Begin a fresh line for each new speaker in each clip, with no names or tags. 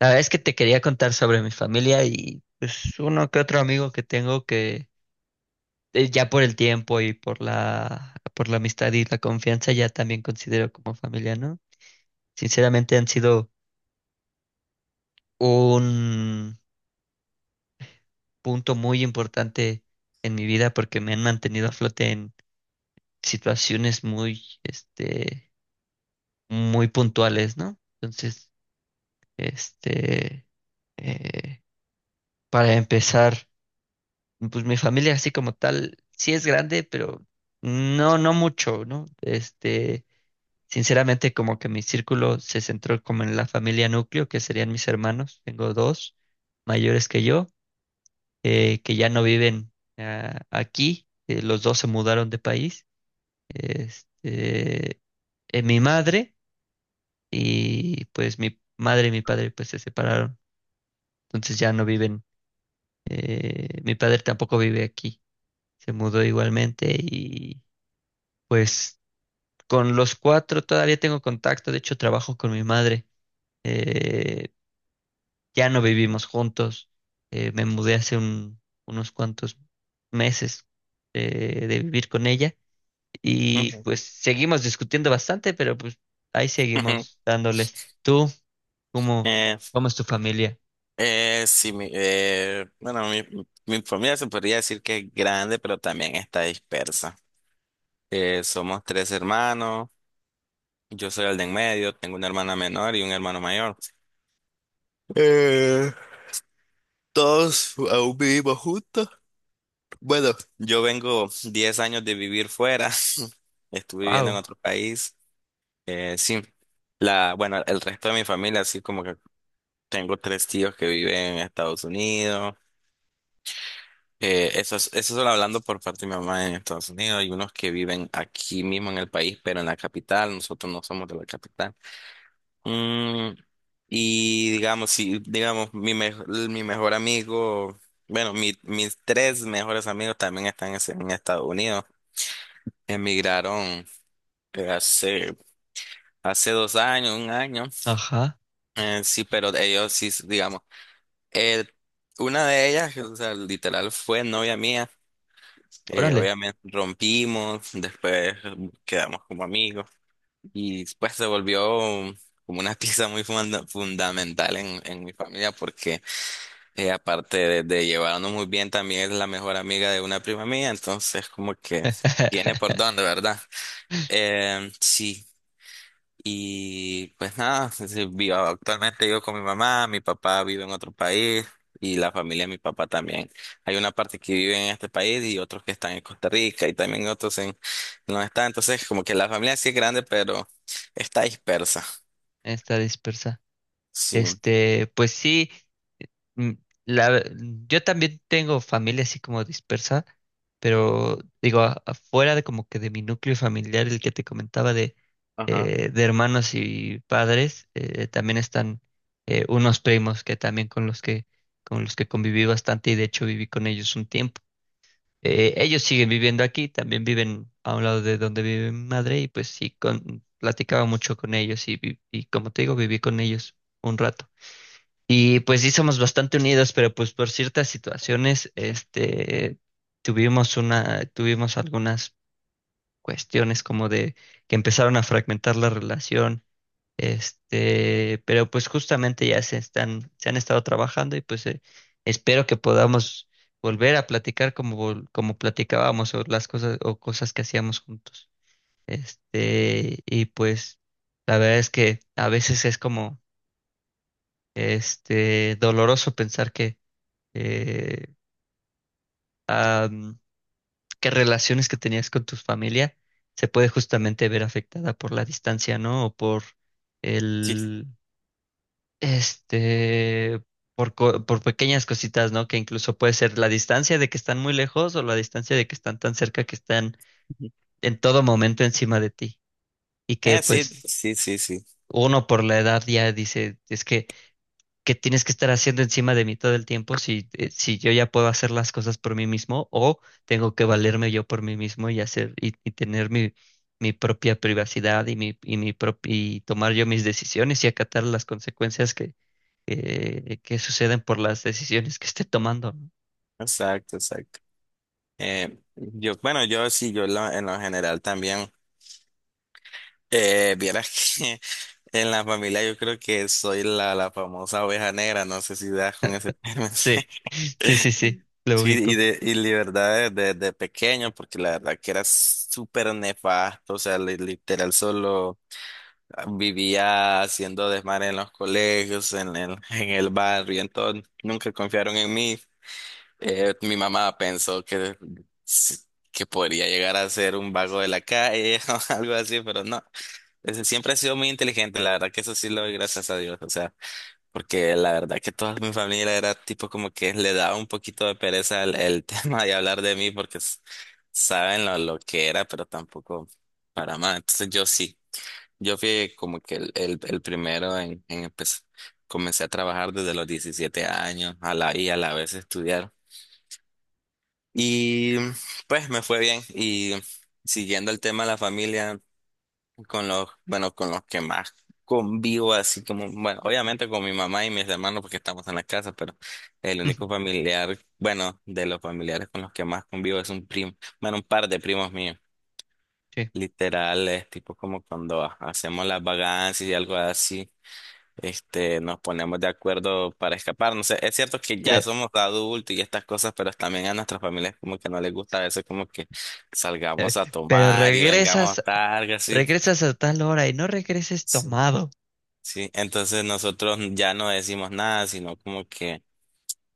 La verdad es que te quería contar sobre mi familia y pues uno que otro amigo que tengo que ya por el tiempo y por la amistad y la confianza ya también considero como familia, ¿no? Sinceramente han sido un punto muy importante en mi vida porque me han mantenido a flote en situaciones muy muy puntuales, ¿no? Entonces, este eh, para empezar, pues mi familia así como tal, sí es grande, pero no, no mucho, ¿no? Este, sinceramente como que mi círculo se centró como en la familia núcleo, que serían mis hermanos. Tengo dos mayores que yo, que ya no viven aquí, los dos se mudaron de país, este, mi madre y pues mi madre y mi padre pues se separaron, entonces ya no viven. Eh, mi padre tampoco vive aquí, se mudó igualmente. Y pues con los cuatro todavía tengo contacto, de hecho trabajo con mi madre. eh, ya no vivimos juntos, me mudé hace unos cuantos meses de vivir con ella y
Ujú,
pues seguimos discutiendo bastante, pero pues ahí
ujú.
seguimos dándole. ¿Tú cómo,
Eh,
cómo es tu familia?
sí, bueno, mi familia se podría decir que es grande, pero también está dispersa. Somos tres hermanos, yo soy el de en medio, tengo una hermana menor y un hermano mayor. Eh, Todos aún vivimos juntos. Bueno, yo vengo 10 años de vivir fuera, estuve viviendo en
Wow.
otro país. Sí, el resto de mi familia, así como que tengo tres tíos que viven en Estados Unidos. Eso solo hablando por parte de mi mamá en Estados Unidos. Hay unos que viven aquí mismo en el país, pero en la capital. Nosotros no somos de la capital. Mm, y digamos, si, digamos, mi, me- mi mejor amigo, bueno, mis tres mejores amigos también están en Estados Unidos. Emigraron, eh, hace, hace 2 años, 1 año.
Ajá,
Sí, pero ellos sí, digamos, eh, una de ellas, o sea, literal fue novia mía.
órale.
Obviamente rompimos, después quedamos como amigos y pues se volvió como una pieza muy fundamental en mi familia porque aparte de llevarnos muy bien también es la mejor amiga de una prima mía, entonces como que tiene por dónde, ¿verdad? Sí. Y pues nada, sí, sí, actualmente vivo con mi mamá, mi papá vive en otro país y la familia de mi papá también. Hay una parte que vive en este país y otros que están en Costa Rica y también otros en no está. Entonces, como que la familia sí es grande, pero está dispersa.
Está dispersa.
Sí.
Este, pues sí. Mm, la- yo también tengo familia así como dispersa, pero digo, afuera de como que de mi núcleo familiar, el que te comentaba
Ajá.
de hermanos y padres, también están unos primos que también con los que conviví bastante y de hecho viví con ellos un tiempo. Ellos siguen viviendo aquí, también viven a un lado de donde vive mi madre y pues sí, con, platicaba mucho con ellos y, y como te digo, viví con ellos un rato. Y pues sí somos bastante unidos, pero pues por ciertas situaciones, este, tuvimos algunas cuestiones como de que empezaron a fragmentar la relación. Este, pero pues justamente ya se están, se han estado trabajando y pues espero que podamos volver a platicar como, como platicábamos o las cosas o cosas que hacíamos juntos. Este, y pues la verdad es que a veces es como, este, doloroso pensar que eh, a, mm, qué relaciones que tenías con tu familia se puede justamente ver afectada por la distancia, ¿no? O por
Sí.
el, este, por pequeñas cositas, ¿no? Que incluso puede ser la distancia de que están muy lejos o la distancia de que están tan cerca que están en todo momento encima de ti. Y que
Sí,
pues
sí, sí, sí.
uno por la edad ya dice, es que tienes que estar haciendo encima de mí todo el tiempo si, si yo ya puedo hacer las cosas por mí mismo o tengo que valerme yo por mí mismo y hacer y tener mi propia privacidad y mi, y mi y tomar yo mis decisiones y acatar las consecuencias que, que suceden por las decisiones que esté tomando, ¿no?
Exacto, exacto. Bueno, yo sí, en lo general también. Vieras que en la familia yo creo que soy la famosa oveja negra, no sé si das con ese término.
Sí, sí, sí, sí, lo
Sí,
ubico.
y la verdad desde pequeño, porque la verdad que era súper nefasto, o sea, literal solo vivía haciendo desmar en los colegios, en el barrio, entonces nunca confiaron en mí. Mi mamá pensó que podría llegar a ser un vago de la calle o algo así, pero no. Ese siempre ha sido muy inteligente, la verdad que eso sí lo doy gracias a Dios, o sea, porque la verdad que toda mi familia era tipo como que le daba un poquito de pereza el tema de hablar de mí porque saben lo que era, pero tampoco para más. Entonces yo sí, yo fui como que el primero en empezar. Comencé a trabajar desde los 17 años y a la vez estudiar. Y pues me fue bien y siguiendo el tema de la familia bueno, con los que más convivo, así como, bueno, obviamente con mi mamá y mis hermanos porque estamos en la casa, pero el único familiar, bueno, de los familiares con los que más convivo es un primo, bueno, un par de primos míos,
Sí.
literales, tipo como cuando hacemos las vagancias y algo así. Nos ponemos de acuerdo para escapar. No sé, es cierto que ya
Eh,
somos adultos y estas cosas, pero también a nuestras familias como que no les gusta a veces como que
eh,
salgamos a
Pero
tomar y vengamos
regresas,
tarde, así.
regresas a tal hora y no regreses
Sí.
tomado.
Sí, entonces nosotros ya no decimos nada, sino como que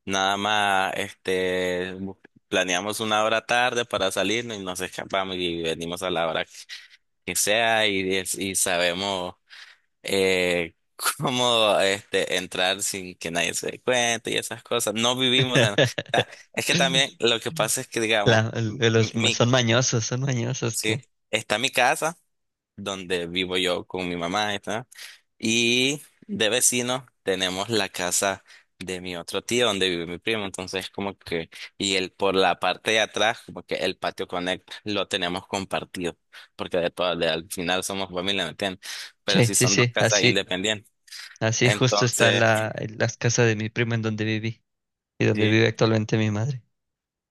nada más planeamos una hora tarde para salirnos y nos escapamos y venimos a la hora que sea y, y sabemos eh, cómo entrar sin que nadie se dé cuenta y esas cosas. No vivimos en... O es que también lo que pasa es que, digamos,
La-
mi,
los, son mañosos
sí,
que...
está mi casa donde vivo yo con mi mamá, ¿está? Y de vecino tenemos la casa de mi otro tío donde vive mi primo. Entonces, como que, y él por la parte de atrás, como que el patio Connect lo tenemos compartido, porque de todo, al final somos familia, ¿me entiendes? Pero
Sí
sí
sí,
son dos
sí,
casas
así,
independientes.
así justo está
Entonces,
las casas de mi prima en donde viví y donde
sí,
vive actualmente mi madre.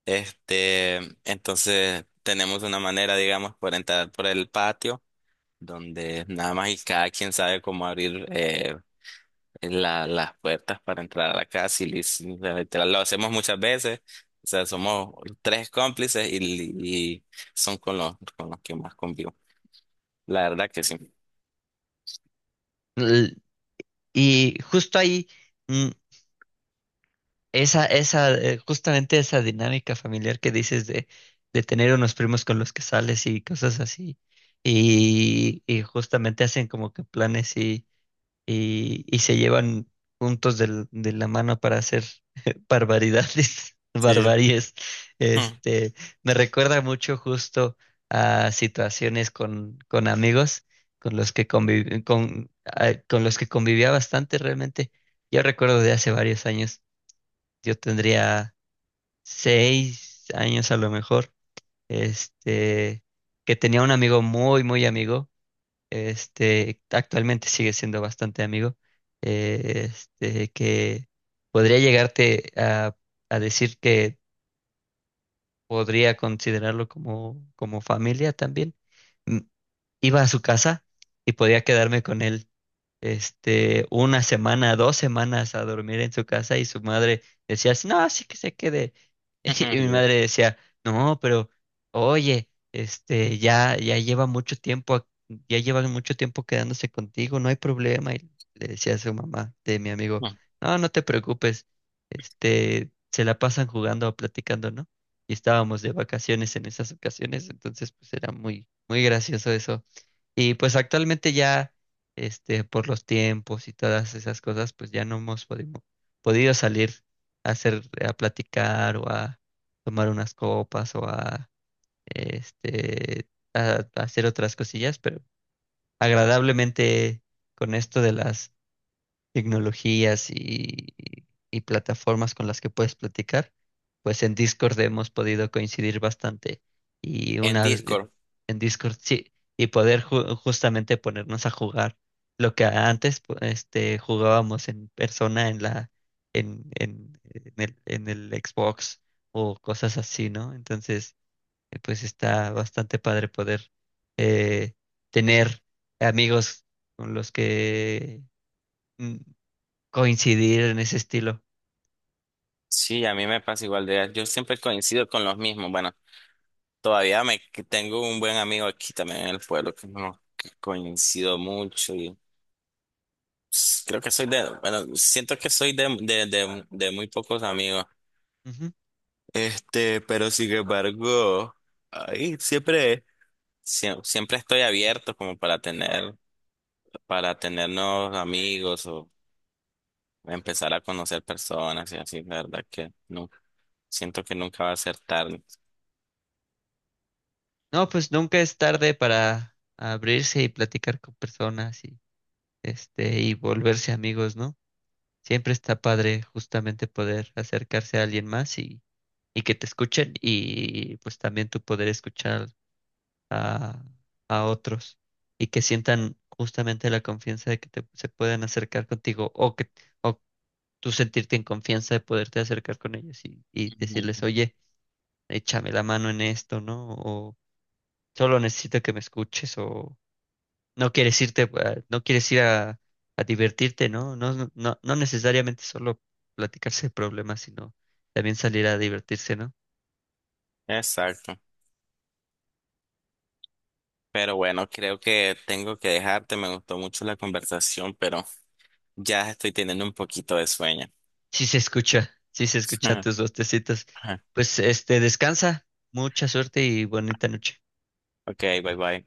este, entonces tenemos una manera, digamos, por entrar por el patio, donde nada más y cada quien sabe cómo abrir las puertas para entrar a la casa y literal, lo hacemos muchas veces. O sea, somos tres cómplices y son con los que más convivo. La verdad que sí.
L- Y justo ahí, mm, justamente esa dinámica familiar que dices de tener unos primos con los que sales y cosas así. Y justamente hacen como que planes y se llevan juntos de la mano para hacer barbaridades,
Sí.
barbaries.
Mm,
Este, me recuerda mucho justo a situaciones con amigos con los que con los que convivía bastante realmente. Yo recuerdo de hace varios años, yo tendría 6 años a lo mejor, este, que tenía un amigo muy, muy amigo. Este, actualmente sigue siendo bastante amigo, este, que podría llegarte a decir que podría considerarlo como, como familia también. Mm, iba a su casa y podía quedarme con él, este, una semana, dos semanas a dormir en su casa y su madre decía, "Sí, no, así que se quede." Y
ujú.
mi
Sí.
madre decía, no, pero oye, este, ya lleva mucho tiempo, ya llevan mucho tiempo quedándose contigo, no hay problema. Y le decía a su mamá de mi amigo,
Mm.
no, no te preocupes, este, se la pasan jugando o platicando, ¿no? Y estábamos de vacaciones en esas ocasiones, entonces pues era muy, muy gracioso eso. Y pues actualmente ya, este, por los tiempos y todas esas cosas, pues ya no hemos podido salir a hacer, a platicar o a tomar unas copas o a, este, a hacer otras cosillas, pero agradablemente con esto de las tecnologías y plataformas con las que puedes platicar, pues en Discord hemos podido coincidir bastante y
En
una,
Discord,
en Discord sí, y poder justamente ponernos a jugar lo que antes este jugábamos en persona en la en el Xbox o cosas así, ¿no? Entonces, pues está bastante padre poder eh, tener amigos con los que mm, coincidir en ese estilo.
sí, a mí me pasa igual de yo siempre coincido con los mismos. Bueno, todavía me que tengo un buen amigo aquí también en el pueblo que no que coincido mucho y creo que soy de, bueno, siento que de muy pocos amigos.
Ujú.
Pero sin embargo, ahí siempre, siempre estoy abierto como para tener, nuevos amigos o empezar a conocer personas y así, la verdad que no, siento que nunca va a ser tarde.
No, pues nunca es tarde para abrirse y platicar con personas y este y volverse amigos, ¿no? Siempre está padre justamente poder acercarse a alguien más y que te escuchen y pues también tú poder escuchar a, a otros y que sientan justamente la confianza de que te, se puedan acercar contigo o que tú sentirte en confianza de poderte acercar con ellos y decirles,
Ujú.
oye, échame la mano en esto, ¿no? Solo necesito que me escuches o no quieres irte, no quieres ir a divertirte, ¿no? No, no, no no necesariamente solo platicarse de problemas, sino también salir a divertirse, ¿no?
Exacto. Pero bueno, creo que tengo que dejarte. Me gustó mucho la conversación, pero ya estoy teniendo un poquito de sueño.
Sí se escucha, sí se escuchan tus bostecitos. Pues este, descansa, mucha suerte y bonita noche.
Ok, bye bye.